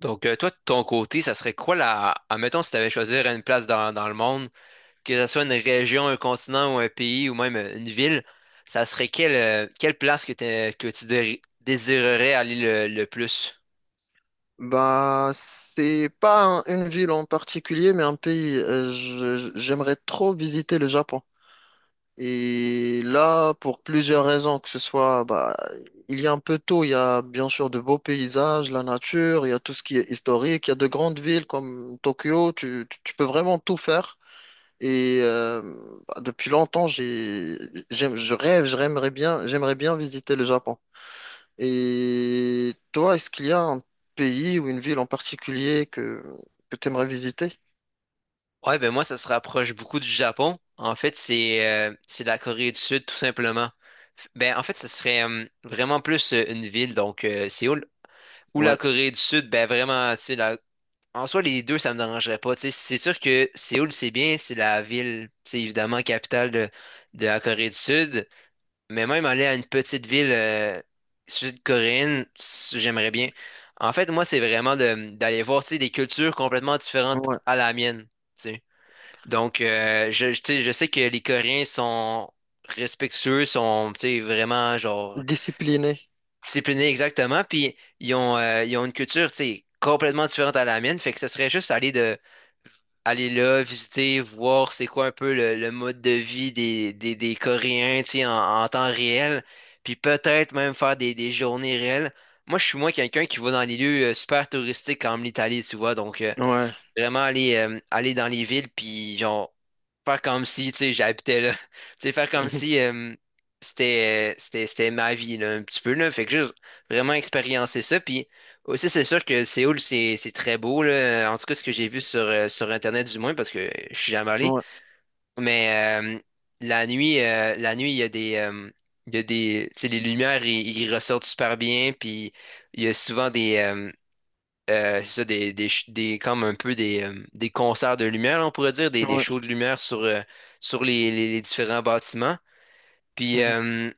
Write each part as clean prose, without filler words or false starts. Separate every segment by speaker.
Speaker 1: Toi, de ton côté, ça serait quoi la... Admettons, si tu avais choisi une place dans le monde, que ce soit une région, un continent ou un pays ou même une ville, ça serait quelle place que tu désirerais aller le plus?
Speaker 2: Bah, c'est pas une ville en particulier, mais un pays. J'aimerais trop visiter le Japon. Et là, pour plusieurs raisons, que ce soit, bah, il y a un peu tout. Il y a bien sûr de beaux paysages, la nature, il y a tout ce qui est historique, il y a de grandes villes comme Tokyo. Tu peux vraiment tout faire. Et bah, depuis longtemps, je rêve, j'aimerais bien visiter le Japon. Et toi, est-ce qu'il y a un pays ou une ville en particulier que tu aimerais visiter?
Speaker 1: Ouais, ben moi, ça se rapproche beaucoup du Japon. En fait, c'est la Corée du Sud, tout simplement. Ben, en fait, ce serait vraiment plus une ville, Séoul. Ou la
Speaker 2: Ouais,
Speaker 1: Corée du Sud, ben vraiment, tu sais, la... En soi, les deux, ça me dérangerait pas. Tu sais, c'est sûr que Séoul, c'est bien, c'est la ville, c'est évidemment de la Corée du Sud. Mais même aller à une petite ville sud-coréenne, j'aimerais bien. En fait, moi, c'est vraiment d'aller voir, tu sais, des cultures complètement différentes
Speaker 2: ouais.
Speaker 1: à la mienne. Tu sais. Donc, tu sais, je sais que les Coréens sont respectueux, sont, tu sais, vraiment, genre,
Speaker 2: Discipliné.
Speaker 1: disciplinés, exactement. Puis, ils ont une culture, tu sais, complètement différente à la mienne. Fait que ce serait juste aller là, visiter, voir c'est quoi un peu le mode de vie des Coréens, tu sais, en temps réel, puis peut-être même faire des journées réelles. Moi, je suis moins quelqu'un qui va dans les lieux super touristiques comme l'Italie, tu vois,
Speaker 2: Ouais.
Speaker 1: vraiment aller dans les villes, puis genre, faire comme si, tu sais, j'habitais là. Tu sais, faire comme si euh, c'était ma vie, là, un petit peu, là. Fait que juste vraiment expériencer ça. Puis aussi, c'est sûr que Séoul, c'est très beau, là. En tout cas, ce que j'ai vu sur Internet, du moins, parce que je suis jamais
Speaker 2: Mhm.
Speaker 1: allé.
Speaker 2: Ouais,
Speaker 1: Mais la nuit, il y a il y a tu sais, les lumières, ils ressortent super bien, puis il y a souvent des, c'est ça, des, ch- des- comme un peu des concerts de lumière, on pourrait dire, des
Speaker 2: ouais.
Speaker 1: shows de lumière sur les différents bâtiments. Puis
Speaker 2: Mhm.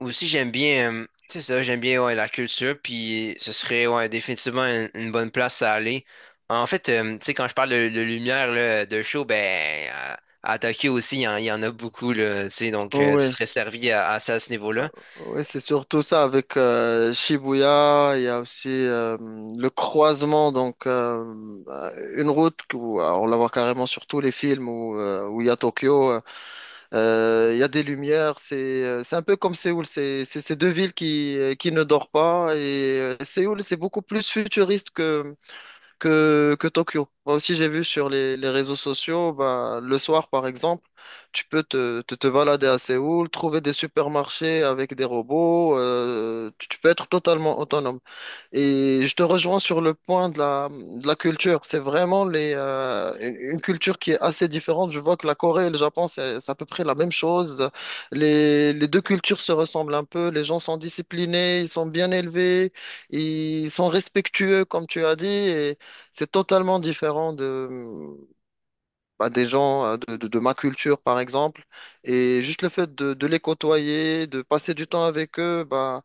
Speaker 1: aussi, j'aime bien, ouais, la culture, puis ce serait, ouais, définitivement une bonne place à aller. En fait, tu sais, quand je parle de lumière, là, de show, ben, à Tokyo aussi, il y en a beaucoup, là, tu sais, tu
Speaker 2: Ouais,
Speaker 1: serais servi à ça à ce niveau-là.
Speaker 2: ouais, c'est surtout ça avec Shibuya. Il y a aussi le croisement, donc une route on la voit carrément sur tous les films où il y a Tokyo. Il y a des lumières, c'est un peu comme Séoul, c'est ces deux villes qui ne dorment pas. Et Séoul, c'est beaucoup plus futuriste que Tokyo. Moi aussi, j'ai vu sur les réseaux sociaux, bah, le soir par exemple, tu peux te balader à Séoul, trouver des supermarchés avec des robots, tu peux être totalement autonome. Et je te rejoins sur le point de la culture. C'est vraiment les, une culture qui est assez différente. Je vois que la Corée et le Japon, c'est à peu près la même chose. Les deux cultures se ressemblent un peu. Les gens sont disciplinés, ils sont bien élevés, ils sont respectueux, comme tu as dit. Et c'est totalement différent bah, des gens de ma culture, par exemple. Et juste le fait de les côtoyer, de passer du temps avec eux, bah,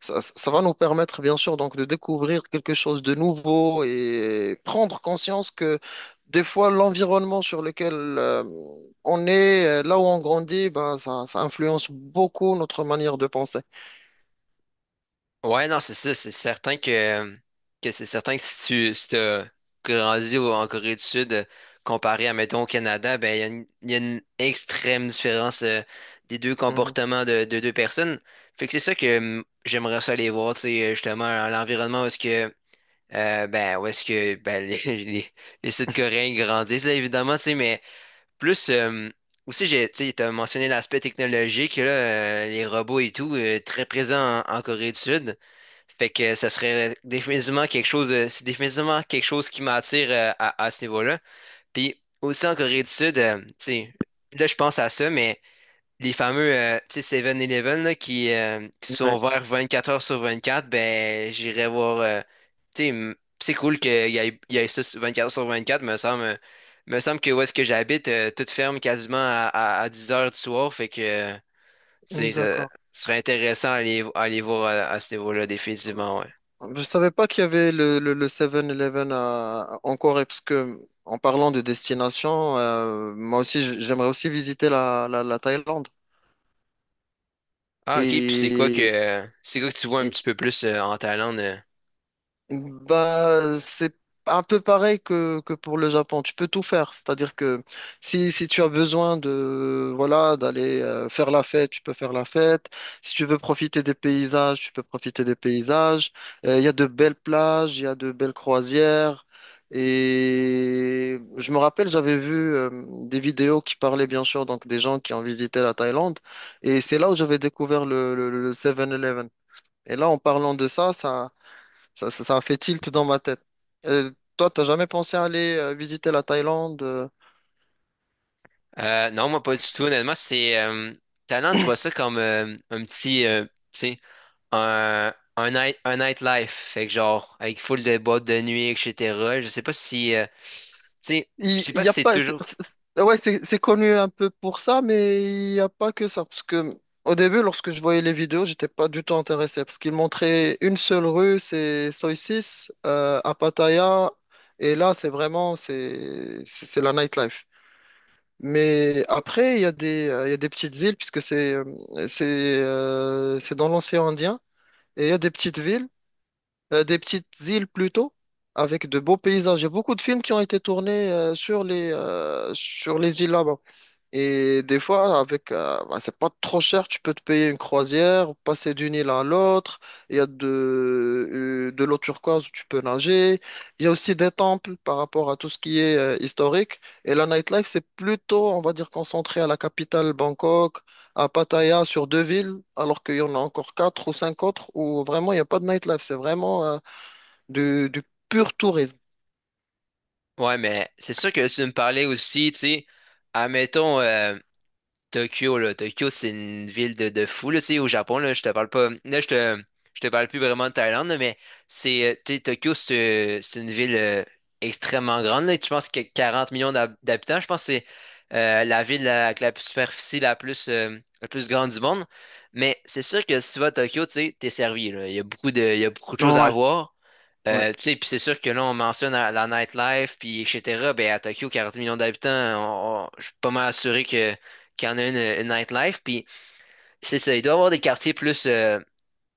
Speaker 2: ça va nous permettre, bien sûr, donc, de découvrir quelque chose de nouveau et prendre conscience que des fois, l'environnement sur lequel on est, là où on grandit, bah, ça influence beaucoup notre manière de penser.
Speaker 1: Ouais, non, c'est ça. C'est certain que c'est certain que si t'as grandi en Corée du Sud, comparé à, mettons, au Canada, ben, il y a une extrême différence des deux
Speaker 2: Mhm.
Speaker 1: comportements de deux personnes. Fait que c'est ça que, j'aimerais ça aller voir, tu sais, justement, à l'environnement où est-ce que, où est-ce que, ben, les, les Sud-Coréens grandissent, là, évidemment, tu sais, mais plus, aussi, j'ai, tu sais, t'as mentionné l'aspect technologique, là, les robots et tout, très présent en Corée du Sud. Fait que ça serait définitivement c'est définitivement quelque chose qui m'attire, à ce niveau-là. Puis aussi en Corée du Sud, tu sais, là je pense à ça, mais les fameux, tu sais, Seven eleven là, qui sont
Speaker 2: Ouais.
Speaker 1: ouverts 24 heures sur 24, ben j'irai voir. Tu sais. C'est cool il y ait ça sur quatre heures sur 24, me semble. Me semble que où est-ce que j'habite, tout ferme quasiment à 10 heures du soir. Fait que tu sais, ça
Speaker 2: D'accord.
Speaker 1: serait intéressant à aller voir à ce niveau-là, définitivement. Ouais.
Speaker 2: Je savais pas qu'il y avait le 7-Eleven en Corée, parce que en parlant de destination, moi aussi j'aimerais aussi visiter la Thaïlande.
Speaker 1: Ah, ok. Puis
Speaker 2: Et,
Speaker 1: c'est quoi que tu vois un
Speaker 2: et
Speaker 1: petit peu plus, en Thaïlande? Euh?
Speaker 2: Bah, c'est un peu pareil que pour le Japon. Tu peux tout faire. C'est-à-dire que si tu as besoin de, voilà, d'aller faire la fête, tu peux faire la fête. Si tu veux profiter des paysages, tu peux profiter des paysages. Il y a de belles plages, il y a de belles croisières. Et je me rappelle, j'avais vu des vidéos qui parlaient bien sûr donc des gens qui ont visité la Thaïlande. Et c'est là où j'avais découvert le 7-Eleven. Et là, en parlant de ça, ça a fait tilt dans ma tête. Euh, Toi, t'as jamais pensé à aller visiter la Thaïlande?
Speaker 1: Non, moi pas du tout, honnêtement. C'est Thaïlande, je vois ça comme un petit tu sais, un night un nightlife. Fait que genre avec full de boîtes de nuit, et etc. Je sais pas si tu sais, je
Speaker 2: Il,
Speaker 1: sais
Speaker 2: il
Speaker 1: pas
Speaker 2: y
Speaker 1: si
Speaker 2: a
Speaker 1: c'est
Speaker 2: pas.
Speaker 1: toujours.
Speaker 2: Ouais, c'est connu un peu pour ça, mais il n'y a pas que ça. Parce que au début, lorsque je voyais les vidéos, j'étais pas du tout intéressé parce qu'ils montraient une seule rue, c'est Soi Six à Pattaya, et là, c'est vraiment c'est la nightlife. Mais après, il y a des il y a des petites îles puisque c'est dans l'océan Indien. Et il y a des petites villes des petites îles plutôt, avec de beaux paysages. Il y a beaucoup de films qui ont été tournés sur les îles là-bas. Et des fois, avec, bah, c'est pas trop cher, tu peux te payer une croisière, passer d'une île à l'autre. Il y a de l'eau turquoise où tu peux nager. Il y a aussi des temples par rapport à tout ce qui est historique. Et la nightlife, c'est plutôt, on va dire, concentré à la capitale Bangkok. À Pattaya sur deux villes, alors qu'il y en a encore quatre ou cinq autres où vraiment il n'y a pas de nightlife. C'est vraiment du pur tourisme.
Speaker 1: Ouais, mais c'est sûr que tu me parlais aussi, tu sais, admettons, Tokyo, là. Tokyo, c'est une ville de fou, là. Tu sais, au Japon, là, je te parle pas. Là, je te parle plus vraiment de Thaïlande, là, mais tu sais, Tokyo, c'est une ville extrêmement grande, là. Tu penses que y 40 millions d'habitants. Je pense que c'est la ville avec la superficie la plus grande du monde. Mais c'est sûr que si tu vas à Tokyo, tu sais, t'es servi, là. Il y a beaucoup de il y a beaucoup de choses à
Speaker 2: Ouais,
Speaker 1: voir.
Speaker 2: ouais,
Speaker 1: Tu sais, puis c'est sûr que là, on mentionne la nightlife, puis etc. Ben, à Tokyo, 40 millions d'habitants, je suis pas mal assuré que qui en a une nightlife. Puis c'est ça, il doit y avoir des quartiers plus,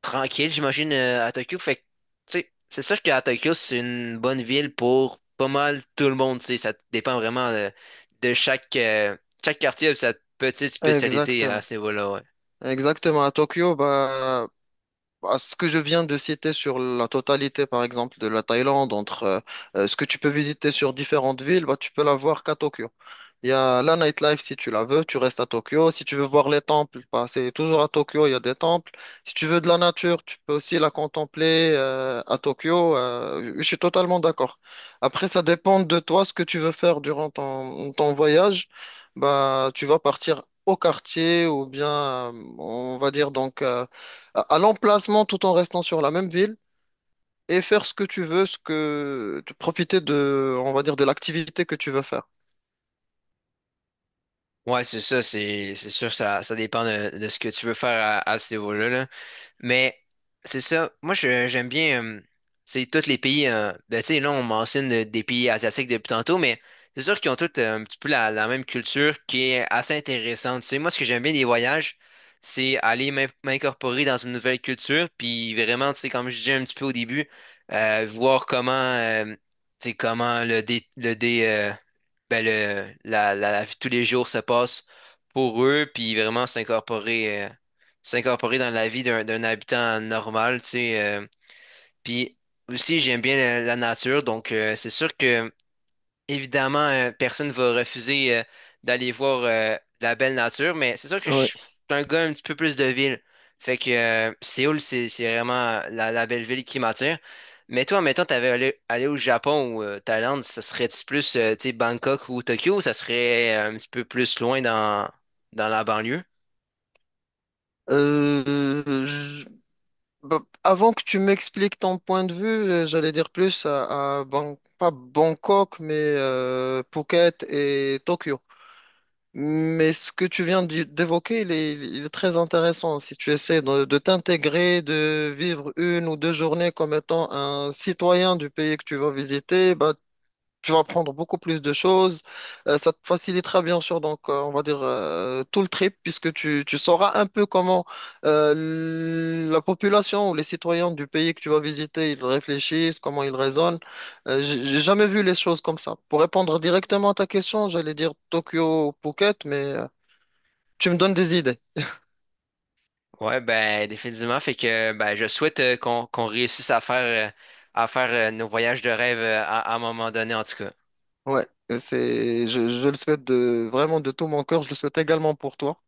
Speaker 1: tranquilles, j'imagine, à Tokyo. Fait que, tu sais, c'est sûr qu'à Tokyo, c'est une bonne ville pour pas mal tout le monde. Tu sais, ça dépend vraiment de chaque quartier a sa petite spécialité à
Speaker 2: exactement.
Speaker 1: ce niveau-là. Ouais,
Speaker 2: Exactement. À Tokyo, bah, à ce que je viens de citer sur la totalité, par exemple, de la Thaïlande, entre ce que tu peux visiter sur différentes villes, bah, tu peux l'avoir qu'à Tokyo. Il y a la nightlife si tu la veux, tu restes à Tokyo. Si tu veux voir les temples, bah, c'est toujours à Tokyo, il y a des temples. Si tu veux de la nature, tu peux aussi la contempler à Tokyo. Je suis totalement d'accord. Après, ça dépend de toi ce que tu veux faire durant ton voyage. Bah, tu vas partir au quartier ou bien, on va dire donc, à l'emplacement tout en restant sur la même ville et faire ce que tu veux, ce que, profiter de, on va dire, de l'activité que tu veux faire.
Speaker 1: ouais c'est ça, c'est sûr, ça dépend de ce que tu veux faire à ce niveau-là, là. Mais c'est ça. Moi, j'aime bien, c'est tous les pays. Euh, ben, tu sais, là, on mentionne, des pays asiatiques depuis tantôt, mais c'est sûr qu'ils ont tous, un petit peu la même culture qui est assez intéressante. Tu sais, moi, ce que j'aime bien des voyages, c'est aller m'incorporer dans une nouvelle culture, puis vraiment, tu sais, comme je disais un petit peu au début, voir comment, tu sais, comment le dé, ben, le, la vie de tous les jours se passe pour eux, puis vraiment s'incorporer. S'incorporer dans la vie d'un habitant normal, tu sais. Euh. Puis aussi, j'aime bien la nature, c'est sûr que, évidemment, personne ne va refuser, d'aller voir, de la belle nature, mais c'est sûr que je
Speaker 2: Ouais.
Speaker 1: suis un gars un petit peu plus de ville. Fait que, Séoul, c'est vraiment la belle ville qui m'attire. Mais toi, mettons, allé au Japon ou, Thaïlande, ça serait-tu plus, tu sais, Bangkok ou Tokyo, ou ça serait, un petit peu plus loin dans la banlieue?
Speaker 2: Euh, je- Bah, avant que tu m'expliques ton point de vue, j'allais dire plus pas Bangkok, mais Phuket et Tokyo. Mais ce que tu viens d'évoquer, il est très intéressant. Si tu essaies de t'intégrer, de vivre une ou deux journées comme étant un citoyen du pays que tu vas visiter, bah, tu vas apprendre beaucoup plus de choses. Ça te facilitera bien sûr, donc on va dire tout le trip, puisque tu sauras un peu comment la population ou les citoyens du pays que tu vas visiter, ils réfléchissent, comment ils raisonnent. J'ai jamais vu les choses comme ça. Pour répondre directement à ta question, j'allais dire Tokyo ou Phuket, mais tu me donnes des idées.
Speaker 1: Ouais, ben définitivement. Fait que ben je souhaite, qu'on réussisse à faire, euh, nos voyages de rêve, à un moment donné en tout cas.
Speaker 2: Ouais, je le souhaite de, vraiment de tout mon cœur. Je le souhaite également pour toi.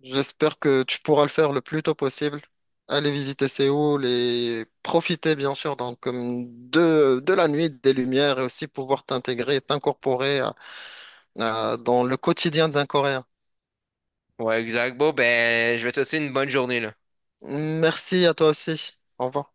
Speaker 2: J'espère que tu pourras le faire le plus tôt possible. Aller visiter Séoul et profiter bien sûr donc de la nuit, des lumières et aussi pouvoir t'intégrer, t'incorporer dans le quotidien d'un Coréen.
Speaker 1: Ouais, exact. Bon, ben je vais te souhaiter une bonne journée là.
Speaker 2: Merci à toi aussi. Au revoir.